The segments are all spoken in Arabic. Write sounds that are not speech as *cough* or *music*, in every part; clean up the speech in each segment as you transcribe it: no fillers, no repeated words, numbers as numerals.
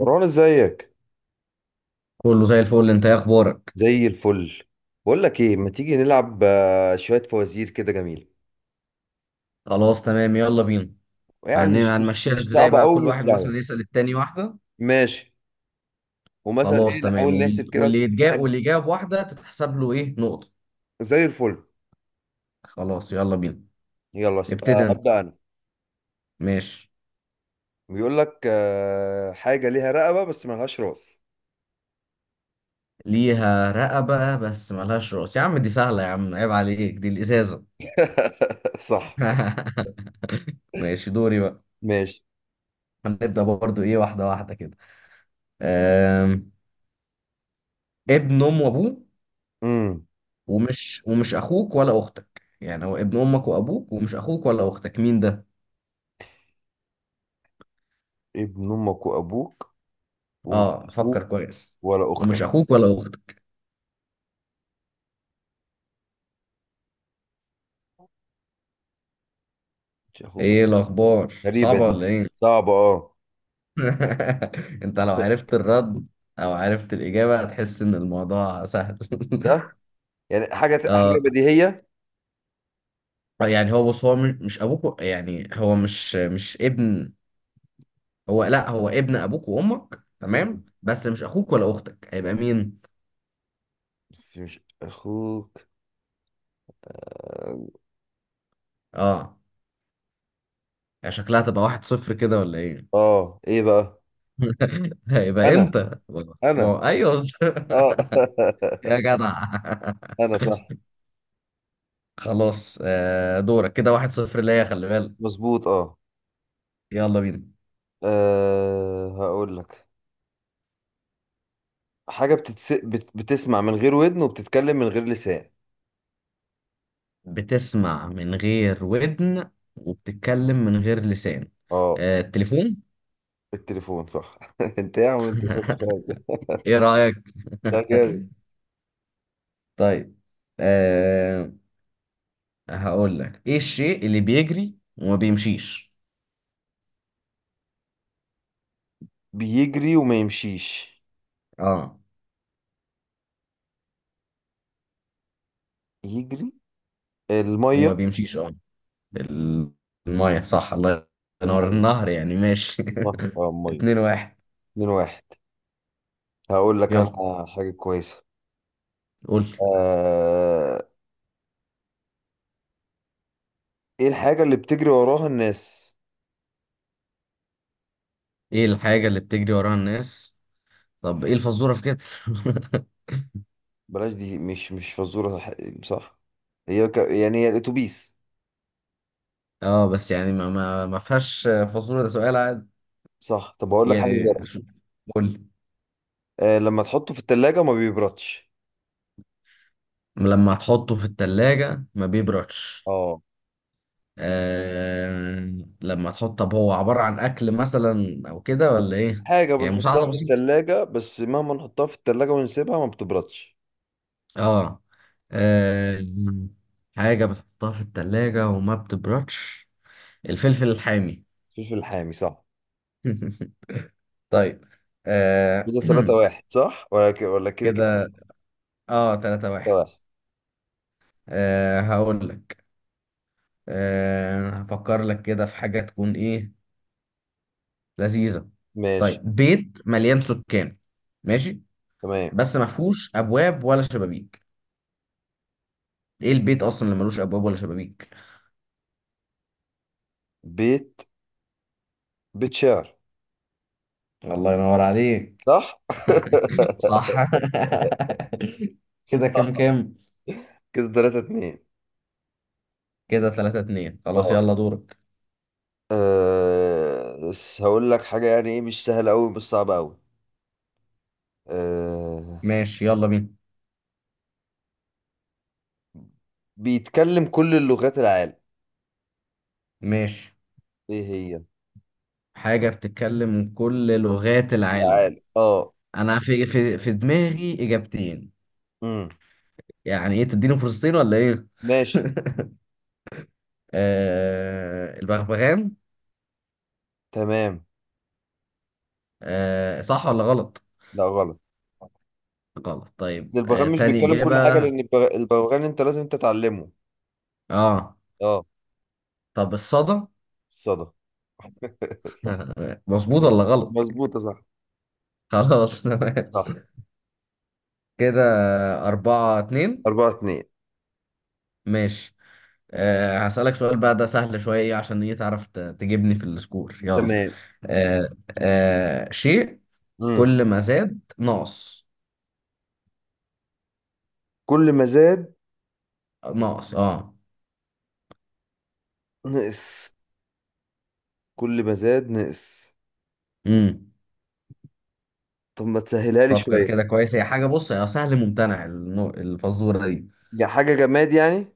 مروان ازيك؟ كله زي الفل، انت ايه اخبارك؟ زي الفل. بقول لك ايه، ما تيجي نلعب شويه فوازير كده جميله؟ خلاص تمام، يلا بينا. يعني مش مش هنمشيها مش ازاي صعبه بقى؟ قوي، كل مش واحد مثلا سهله. يسأل التاني واحدة. ماشي. ومثلا خلاص ايه، تمام، نحاول نحسب كده. واللي يتجا واللي جاب واحدة تتحسب له ايه؟ نقطة. زي الفل. خلاص يلا بينا. يلا ابتدي انت. ابدا انا. ماشي. بيقول لك حاجه ليها رقبه بس ملهاش راس. ليها رقبة بس ملهاش راس؟ يا عم دي سهلة، يا عم عيب عليك، دي الإزازة. *laughs* صح. *laughs* ماشي دوري بقى. ماشي. هنبدأ برضو ايه، واحدة واحدة كده. أم... ابن ام وابوه امم. ومش اخوك ولا اختك. يعني هو ابن امك وابوك ومش اخوك ولا اختك، مين ده؟ ابن امك وابوك ومش اه اخوك فكر كويس. ولا ومش اختك. اخوك ولا اختك. مش اخوك ولا ايه أختك. الاخبار، غريبه صعبة دي. ولا ايه؟ صعبه اه. *laughs* انت لو عرفت الرد او عرفت الاجابة هتحس ان الموضوع سهل. ده يعني *laughs* حاجه اه. حاجه بديهيه. يعني هو بص، هو مش يعني هو مش ابن، هو لا، هو ابن ابوك وامك تمام، بس مش اخوك ولا اختك، هيبقى مين؟ بس مش اخوك. اه. يعني شكلها تبقى واحد صفر كده ولا ايه؟ اه ايه بقى؟ *laughs* هيبقى انت. انا. ما انا. هو- ايوه. اه. *laughs* يا *laughs* جدع. انا صح. خلاص دورك. كده واحد صفر ليا، خلي بالك. مظبوط اه. يلا بينا. آه هقول لك حاجة. بتسمع من غير ودن وبتتكلم من غير لسان. بتسمع من غير ودن وبتتكلم من غير لسان؟ اه. التليفون. التليفون صح. *laughs* انت يا عم، انت شاطر خالص. *laughs* ايه رأيك؟ ده جامد. *laughs* طيب. أه هقول لك ايه الشيء اللي بيجري وما بيمشيش؟ بيجري وما يمشيش. اه يجري. المية. وما بيمشيش. اه، الميه صح. الله ينور، المية النهر يعني ماشي. النهر، اه *laughs* المية. اتنين واحد. اتنين واحد. هقول لك يلا انا حاجة كويسة. قول لي. آه... ايه الحاجة اللي بتجري وراها الناس؟ ايه الحاجة اللي بتجري وراها الناس؟ طب ايه الفزورة في كده؟ *laughs* بلاش دي، مش فزورة صح. صح. يعني هي الأتوبيس. اه بس يعني ما فيهاش فاصوليا، ده سؤال عادي. صح، طب أقول لك حاجة يعني غيرها. شو- قول. آه، لما تحطه في التلاجة ما بيبردش. لما تحطه في التلاجة ما بيبردش. اه، لما تحط، طب هو عبارة عن أكل مثلا أو كده ولا إيه؟ حاجة يعني بنحطها مساعدة في بسيطة. التلاجة بس مهما نحطها في التلاجة ونسيبها ما بتبردش. اه. آه، حاجة بتحطها في التلاجة وما بتبردش، الفلفل الحامي. الفلفل الحامي صح. *laughs* طيب. آه... كده تلاتة *clears throat* واحد صح ولا ولا كده كده. كده اه تلاتة تلاتة واحد. واحد. آه هقول لك. هفكر لك كده في حاجة تكون إيه؟ لذيذة. طيب، ماشي. بيت مليان سكان، ماشي، تمام. بس ما فيهوش أبواب ولا شبابيك، إيه البيت أصلا اللي ملوش أبواب ولا شبابيك؟ بيت. بيت شعر. الله ينور عليك. صح. صح. *laughs* كده كام *laughs* كام؟ كده تلاتة اتنين. كده ثلاثة اتنين. خلاص طب يلا دورك. آه... بس هقول لك حاجة يعني ايه، مش سهلة أوي مش صعبة أوي. آه. ماشي يلا بينا. بيتكلم كل اللغات العالم. ماشي. ايه هي؟ حاجة بتتكلم كل لغات العالم. العالم اه. أنا في دماغي إجابتين، امم. يعني إيه، تديني فرصتين ولا إيه؟ ماشي. آه البغبغان. تمام. آه صح ولا غلط؟ لا غلط. غلط، طيب البغبغان آه مش تاني بيتكلم كل حاجة إجابة. لأن البغبغان أنت لازم تتعلمه. اه. اه. طب الصدى. الصدى. *laughs* صح. *laughs* مظبوط ولا غلط؟ مظبوطة صح. خلاص تمام. صح. كده أربعة اتنين. أربعة اتنين. ماشي. آه هسألك سؤال بقى، ده سهل شوية، عشان إيه تعرف تجيبني في السكور، يلا. تمام. آه. آه شيء امم. كل ما زاد ناقص. كل ما زاد ناقص اه. نقص. كل ما زاد نقص. امم. طب ما تسهلها لي فكر كده شوية. كويس، هي حاجة، بص، هي سهل ممتنع، الفزورة دي. يا حاجة جماد يعني؟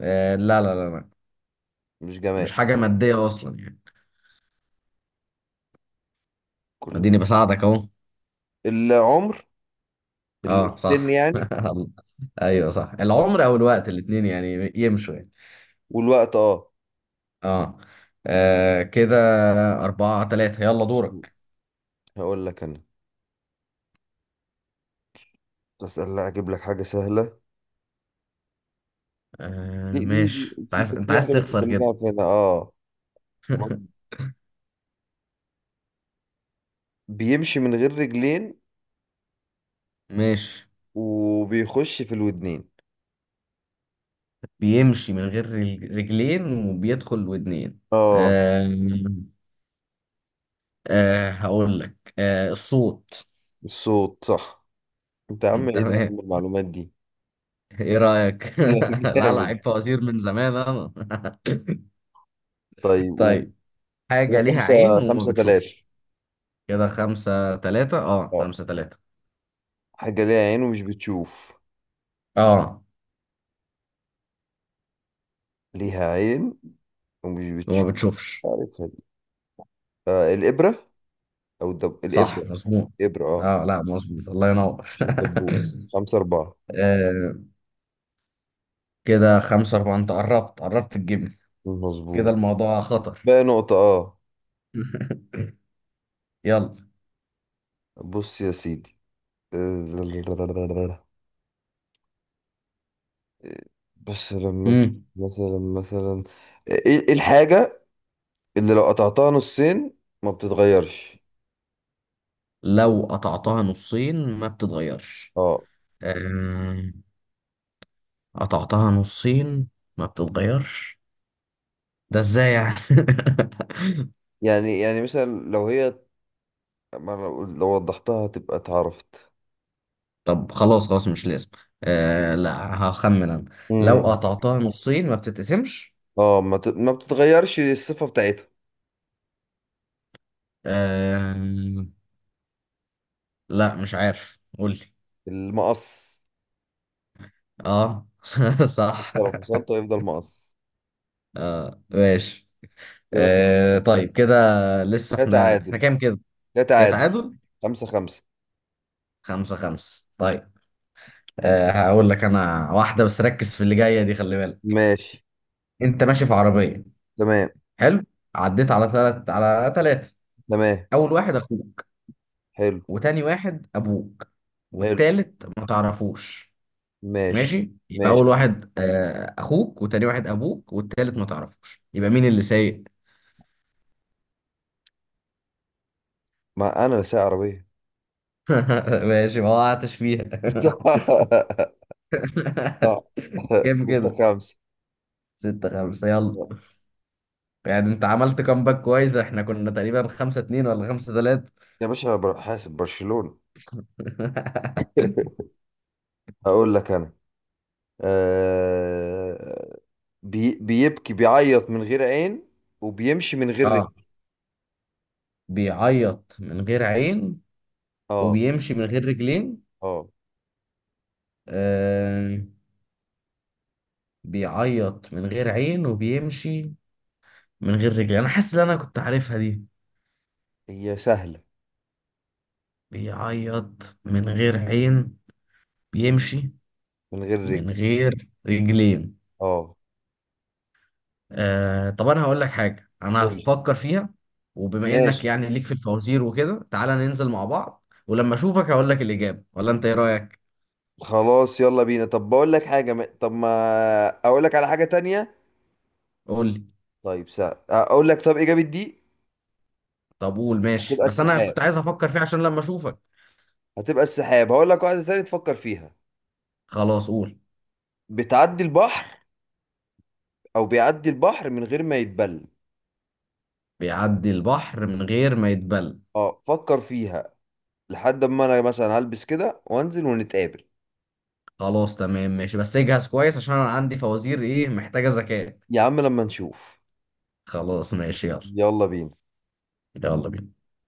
آه لا، مش مش جماد. حاجة مادية أصلا يعني. كل. اديني بساعدك اهو. العمر. اه السن صح. يعني. *laughs* ايوه صح، صح، العمر او الوقت، الاتنين يعني يمشوا يعني. والوقت اه. اه، آه كده أربعة تلاتة، يلا مظبوط. دورك. هقول لك انا، بس لا اجيب لك حاجه سهله. دي آه دي, دي ماشي. انت في، عايز كانت انت في عايز واحده بس تخسر كلنا كده. عارفينها اه. بيمشي من غير رجلين ماشي. وبيخش في الودنين. بيمشي من غير رجلين وبيدخل ودنين. اه. آه. آه هقول لك، آه الصوت. الصوت صح. انت يا عم، *laughs* ايه ده يا تمام. عم المعلومات دي. ايه رأيك؟ *laughs* *laughs* لا لا، عيب، جامد. فوازير من زمان انا. *laughs* طيب قوم. طيب. هي حاجة ليها خمسة. عين وما خمسة تلاتة بتشوفش. كده خمسة تلاتة، اه اه. خمسة تلاتة. حاجة ليها عين ومش بتشوف. اه ليها عين ومش وما بتشوف. بتشوفش. عارفها دي. آه الإبرة. أو صح الإبرة. مظبوط. إبرة اه. اه لا مظبوط، الله ينور. مش الدبوس. خمسة أربعة. *laughs* آه كده خمسة أربعة. أنت قربت قربت تجيبني، كده مظبوط. الموضوع خطر. بقى نقطة اه. *laughs* يلا. بص يا سيدي. آه، بس لما، مم. مثلا، ايه، إيه الحاجة اللي لو قطعتها نصين ما بتتغيرش؟ لو قطعتها نصين ما بتتغيرش؟ اه. آه، قطعتها نصين ما بتتغيرش، ده ازاي يعني؟ *laughs* يعني يعني مثلا لو هي، ما لو لو وضحتها هتبقى اتعرفت. طب خلاص خلاص مش لازم، آه لا هخمن انا. لو امم. قطعتها نصين ما بتتقسمش. اه ما بتتغيرش الصفة بتاعتها. أم... لا مش عارف، قولي. المقص. اه. *laughs* صح. حتى لو فصلته هيفضل مقص. اه ماشي. كده خمسة آه خمسة. طيب كده، لسه ده احنا تعادل. كام كده؟ ده كده تعادل. تعادل، خمسة خمسة. خمسة خمسة، طيب. آه هقول لك انا واحدة بس، ركز في اللي جاية دي، خلي بالك. ماشي. انت ماشي في عربية. تمام. حلو، عديت على ثلاثة، تمام. اول واحد اخوك حلو. وتاني واحد ابوك حلو. والتالت ما تعرفوش. ماشي. ماشي، يبقى اول ماشي، واحد آه اخوك وتاني واحد ابوك والتالت ما تعرفوش، يبقى مين اللي سايق؟ ما انا اللي سايق عربيه. *laughs* ماشي، ما وقعتش فيها. *laughs* لا. *laughs* كام ستة كده؟ خمسة. ستة خمسة، يلا. يعني انت عملت كامباك كويس، احنا كنا تقريبا خمسة اتنين ولا خمسة تلاتة. يا باشا، حاسب برشلونة. *laughs* هقول لك انا. آه، بيبكي بيعيط من غير عين وبيمشي من غير رجل. اه. بيعيط من غير عين اه. وبيمشي من غير رجلين. اه، آه. بيعيط من غير عين وبيمشي من غير رجلين، انا حاسس ان انا كنت عارفها دي. هي سهلة. بيعيط من غير عين، بيمشي من غير من رجل. غير رجلين. اه. آه طب انا هقول لك حاجه انا سوري. هفكر فيها، وبما ماشي. انك يعني ليك في الفوازير وكده، تعالى ننزل مع بعض ولما اشوفك هقول لك الاجابه، ولا انت ايه رايك؟ خلاص يلا بينا، طب بقول لك حاجة ما... طب ما اقول لك على حاجة تانية. قول لي. طيب سهل اقول لك، طب اجابة دي طب قول، ماشي، هتبقى بس انا السحاب. كنت عايز افكر فيها عشان لما اشوفك. هتبقى السحاب. هقول لك واحدة تانية تفكر فيها. خلاص قول. بتعدي البحر، او بيعدي البحر من غير ما يتبل. بيعدي البحر من غير ما يتبل. اه، فكر فيها لحد ما انا مثلا هلبس كده وانزل ونتقابل. خلاص تمام ماشي، بس اجهز كويس عشان انا عندي فوازير ايه، محتاجه ذكاء. يا عم لما نشوف. خلاص ماشي يلا. يلا بينا. يلا بينا.